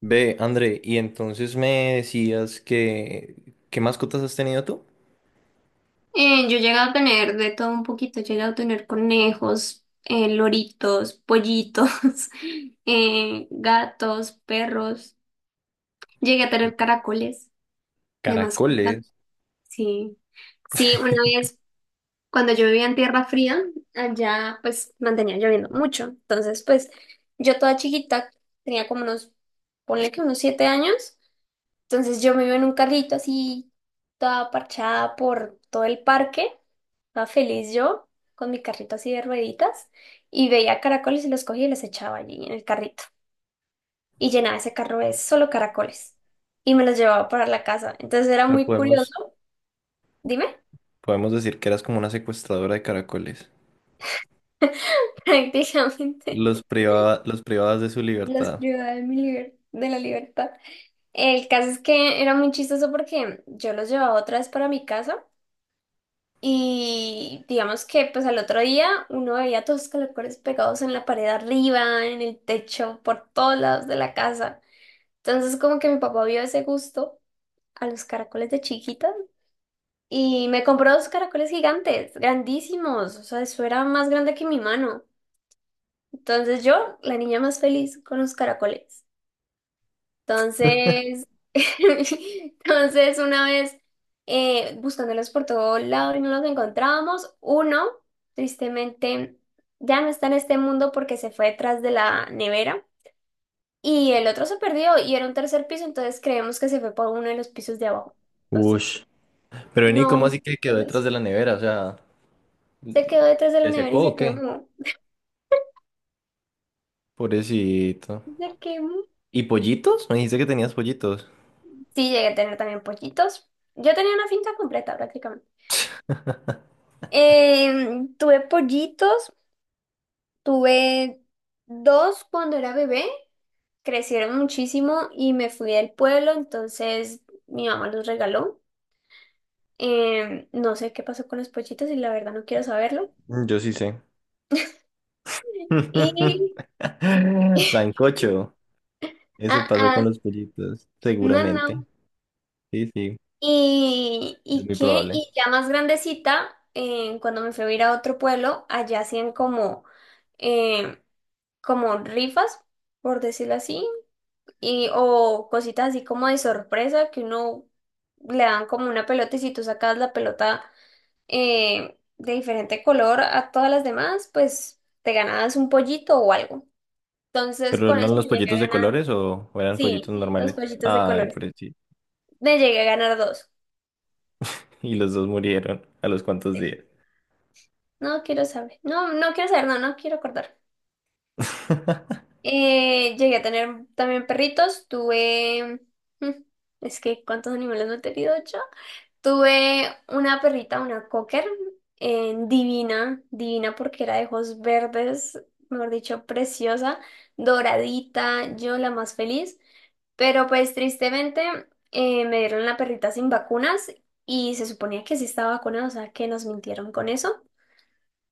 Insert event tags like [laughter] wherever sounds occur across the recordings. Ve, André, y entonces me decías ¿qué mascotas has tenido tú? Yo he llegado a tener de todo un poquito, he llegado a tener conejos, loritos, pollitos, [laughs] gatos, perros, llegué a tener caracoles de mascota, Caracoles. sí. Sí, una vez cuando yo vivía en tierra fría, allá pues mantenía lloviendo mucho, entonces pues yo toda chiquita, tenía como unos, ponle que unos 7 años. Entonces yo me iba en un carrito así, toda parchada por todo el parque, toda feliz yo, con mi carrito así de rueditas, y veía caracoles y los cogía y los echaba allí en el carrito. Y llenaba ese carro de solo caracoles. Y me los llevaba para la casa. Entonces O era sea, muy podemos, curioso, dime. podemos decir que eras como una secuestradora de caracoles. [laughs] Prácticamente Los privaba, los privabas de su los libertad. privaba de mi liber- de la libertad. El caso es que era muy chistoso porque yo los llevaba otra vez para mi casa. Y digamos que pues al otro día uno veía todos los calcetines pegados en la pared arriba, en el techo, por todos lados de la casa. Entonces, como que mi papá vio ese gusto a los caracoles de chiquita y me compró dos caracoles gigantes, grandísimos. O sea, eso era más grande que mi mano. Entonces yo, la niña más feliz con los caracoles. Entonces, [laughs] entonces una vez buscándolos por todo lado y no los encontrábamos, uno tristemente ya no está en este mundo porque se fue detrás de la nevera, y el otro se perdió y era un tercer piso, entonces creemos que se fue por uno de los pisos de abajo. Entonces, Ush. Pero vení, ¿cómo no, así que quedó detrás entonces, de la nevera? O sea, se quedó detrás de la ¿te nevera secó y se o qué? quemó. Pobrecito. Se quemó. ¿Y pollitos? Me dijiste que tenías pollitos. Sí, llegué a tener también pollitos. Yo tenía una finca completa prácticamente. Tuve pollitos. Tuve dos cuando era bebé, crecieron muchísimo y me fui del pueblo, entonces mi mamá los regaló. No sé qué pasó con los pollitos y la verdad no quiero saberlo. Mm, yo sí sé. Y, [laughs] [laughs] Sancocho. Eso ah, pasó con ah, los pollitos, no, seguramente. no. Sí, sí, es ¿Y muy qué? probable. Y ya más grandecita, cuando me fui a ir a otro pueblo, allá hacían em, como rifas, por decirlo así, y o cositas así como de sorpresa que uno le dan como una pelota, y si tú sacas la pelota de diferente color a todas las demás, pues te ganabas un pollito o algo. Entonces ¿Pero con eran eso los me llegué pollitos a de ganar, colores o eran pollitos sí, dos normales? pollitos de Ay, colores. por sí. Me llegué a ganar dos. Y los dos murieron a los cuantos Sí. días. No quiero saber, no, no quiero saber, no, no quiero acordar. [laughs] Llegué a tener también perritos, tuve... [laughs] Es que, ¿cuántos animales no he tenido yo? Tuve una perrita, una cocker, divina, divina porque era de ojos verdes, mejor dicho, preciosa, doradita, yo la más feliz. Pero pues tristemente me dieron la perrita sin vacunas, y se suponía que sí estaba vacunada, o sea que nos mintieron con eso.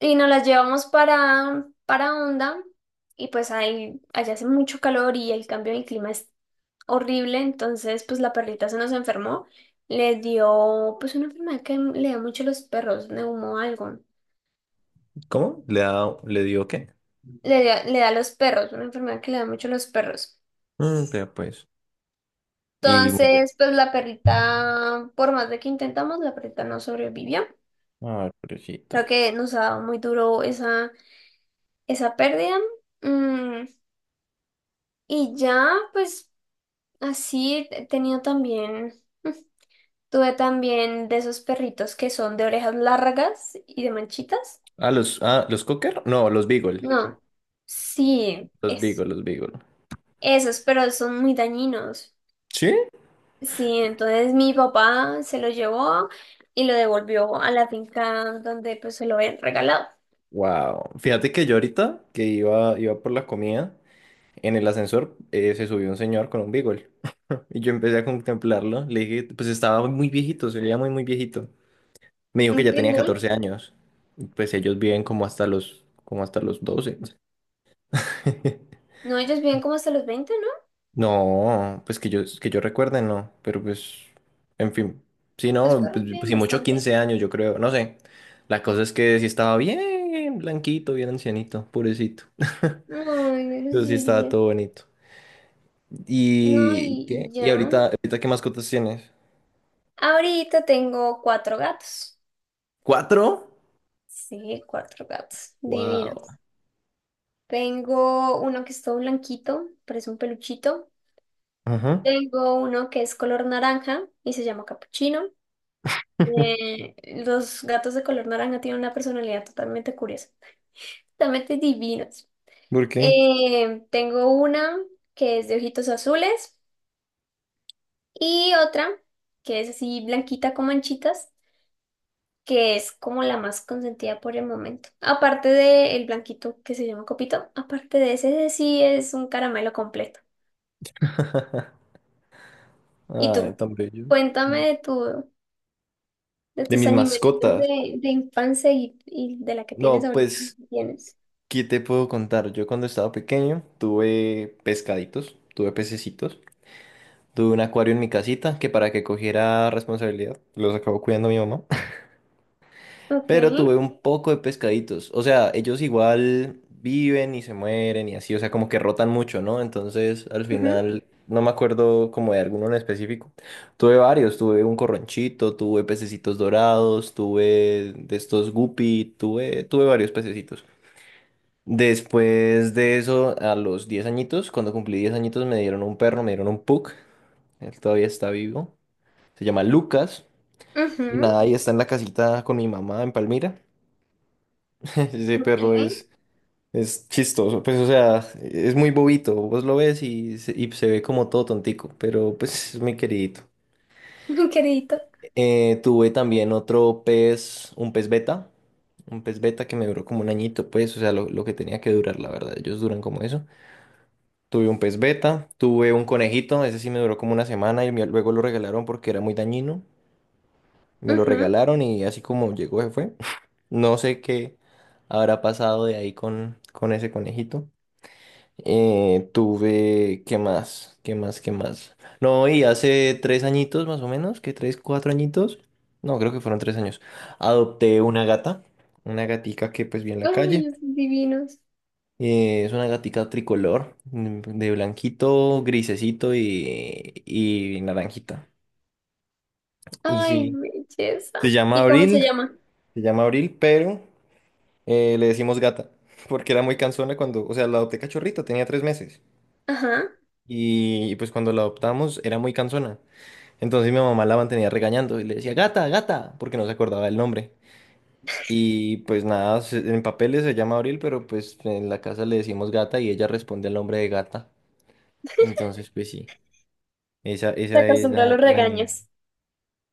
Y nos las llevamos para, Honda, y pues ahí, allá hace mucho calor y el cambio de clima es horrible, entonces pues la perrita se nos enfermó, le dio pues una enfermedad que le da mucho a los perros, neumo algo, ¿Cómo? ¿Le dio qué? le da a los perros, una enfermedad que le da mucho a los perros. Mm, vea pues. Y murió. Entonces pues la perrita, por más de que intentamos, la perrita no sobrevivió. Ay, Creo pobrecita. que nos ha dado muy duro esa pérdida. Mm, y ya pues así he tenido también... [laughs] Tuve también de esos perritos que son de orejas largas y de manchitas. Ah, ¿los Cocker? No, los Beagle. No, sí, Los es Beagle, los Beagle. esos, pero son muy dañinos. ¿Sí? Sí, entonces mi papá se lo llevó y lo devolvió a la finca donde pues se lo habían regalado. Wow. Fíjate que yo ahorita que iba por la comida, en el ascensor se subió un señor con un Beagle. Y yo empecé a contemplarlo. Le dije, pues estaba muy viejito, se veía muy, muy viejito. Me dijo Un que ya tenía pitbull. 14 años. Pues ellos viven como hasta los 12. [laughs] No, ellos viven como hasta los 20, ¿no? No, pues que yo recuerde, no. Pero pues, en fin. Sí, Los no, perros pues, viven si mucho bastante. 15 años, yo creo. No sé. La cosa es que sí estaba bien blanquito, bien ancianito, purecito. [laughs] Ay, no los Pero sí estaba diría. todo bonito. No, ¿Y y, qué? y ¿Y ya. ahorita qué mascotas tienes? Ahorita tengo cuatro gatos. ¿Cuatro? Sí, cuatro gatos. Wow. Divinos. Tengo uno que es todo blanquito, parece un peluchito. Ajá. Tengo uno que es color naranja y se llama Capuchino. [laughs] Eh, los gatos de color naranja tienen una personalidad totalmente curiosa, totalmente divinos. ¿Por qué? Tengo una que es de ojitos azules, y otra que es así blanquita con manchitas, que es como la más consentida por el momento. Aparte del blanquito que se llama Copito, aparte de ese, ese sí es un caramelo completo. ¿Y Ay, tú? tan bellos. Cuéntame de De tus mis animalitos mascotas. de infancia y de la que tienes No, ahorita, pues, si tienes. ¿qué te puedo contar? Yo cuando estaba pequeño tuve pescaditos, tuve pececitos, tuve un acuario en mi casita que para que cogiera responsabilidad los acabó cuidando mi mamá, [laughs] Ok. pero tuve un poco de pescaditos, o sea, ellos igual viven y se mueren y así, o sea, como que rotan mucho, ¿no? Entonces, al Ujú, final, no me acuerdo como de alguno en específico. Tuve varios, tuve un corronchito, tuve pececitos dorados, tuve de estos guppy, tuve varios pececitos. Después de eso, a los 10 añitos, cuando cumplí 10 añitos, me dieron un perro, me dieron un pug. Él todavía está vivo. Se llama Lucas. Y ujú. nada, ahí está en la casita con mi mamá en Palmira. [laughs] Ese Ok. perro es chistoso. Pues, o sea, es muy bobito. Vos lo ves y se ve como todo tontico. Pero, pues, es muy queridito. [laughs] Queridito. Tuve también otro pez, un pez beta. Un pez beta que me duró como un añito, pues, o sea, lo que tenía que durar, la verdad. Ellos duran como eso. Tuve un pez beta, tuve un conejito, ese sí me duró como una semana luego lo regalaron porque era muy dañino. Me lo Ujú. regalaron y así como llegó se fue. [laughs] No sé qué habrá pasado de ahí con ese conejito. ¿Qué más? ¿Qué más? ¿Qué más? No, y hace 3 añitos más o menos, que 3, 4 añitos. No, creo que fueron 3 años. Adopté una gata, una gatica que pues vi en la calle. Ay, son divinos. Es una gatica tricolor, de blanquito, grisecito y naranjita. Y Ay, sí, belleza. se llama ¿Y cómo se Abril, llama? se llama Abril, pero le decimos gata, [laughs] porque era muy cansona cuando, o sea, la adopté cachorrita, tenía 3 meses. Ajá. Y pues cuando la adoptamos era muy cansona. Entonces mi mamá la mantenía regañando y le decía, gata, gata, porque no se acordaba del nombre. Y pues nada, en papeles se llama Abril, pero pues en la casa le decimos gata y ella responde al nombre de gata. Entonces, pues sí. Esa, Se esa es acostumbra a la, los la ñeña. regaños.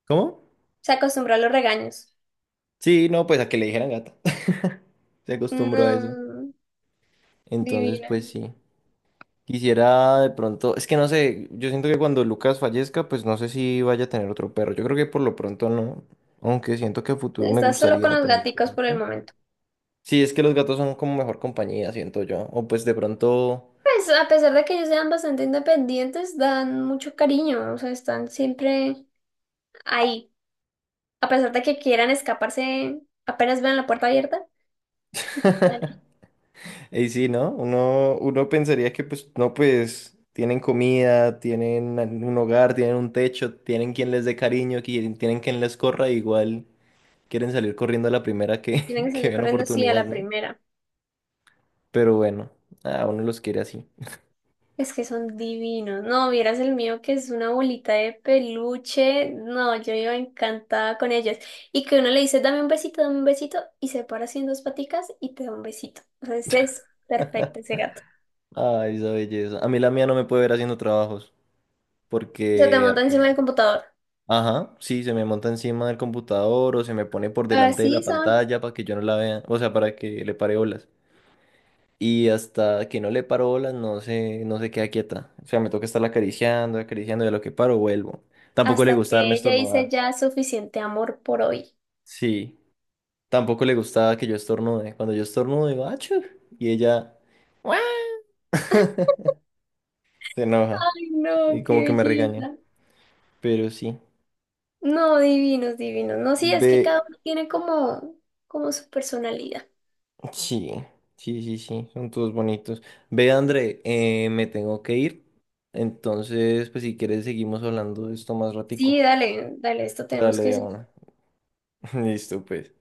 ¿Cómo? Se acostumbra a los regaños. Sí, no, pues a que le dijeran gata. [laughs] Se acostumbró a eso. No, Entonces, divina. pues sí. Quisiera de pronto, es que no sé, yo siento que cuando Lucas fallezca, pues no sé si vaya a tener otro perro. Yo creo que por lo pronto no, aunque siento que a futuro me Estás solo con gustaría los tener un gaticos por el perrito. momento. Sí, es que los gatos son como mejor compañía, siento yo. O pues de pronto. Pues a pesar de que ellos sean bastante independientes, dan mucho cariño, o sea, están siempre ahí. A pesar de que quieran escaparse, apenas vean la puerta abierta, bueno, [laughs] Y sí, ¿no? Uno pensaría que pues no, pues tienen comida, tienen un hogar, tienen un techo, tienen quien les dé cariño, tienen quien les corra, igual quieren salir corriendo a la primera que, tienen que [laughs] que salir ven corriendo así a oportunidad, la ¿no? primera. Pero bueno, a uno los quiere así. Es que son divinos. No, vieras el mío que es una bolita de peluche. No, yo iba encantada con ellos. Y que uno le dice, dame un besito, y se para así en dos paticas y te da un besito. O sea, ese es perfecto ese gato. Ay, esa belleza. A mí la mía no me puede ver haciendo trabajos, Se te porque monta encima apenas- del computador. Ajá, sí, se me monta encima del computador o se me pone por delante de la Así son. pantalla para que yo no la vea, o sea, para que le pare olas. Y hasta que no le paro bolas, no se queda quieta. O sea, me toca estarla acariciando, acariciando, y a lo que paro, vuelvo. Tampoco le Hasta gusta que darme ella dice estornudar. ya suficiente amor por hoy. Sí. Tampoco le gustaba que yo estornude. Cuando yo estornudo, digo, ¡achú! Y ella "Guau". [laughs] se enoja. Ay, no, Y qué como que me regaña. belleza. Pero sí. No, divinos, divinos. No, sí, es que Ve, cada uno tiene como su personalidad. sí. Sí, sí, sí. Son todos bonitos. Ve, André, me tengo que ir. Entonces, pues si quieres, seguimos hablando de esto más Sí, ratico. dale, dale, esto tenemos Dale, que Diana. [laughs] Listo, pues.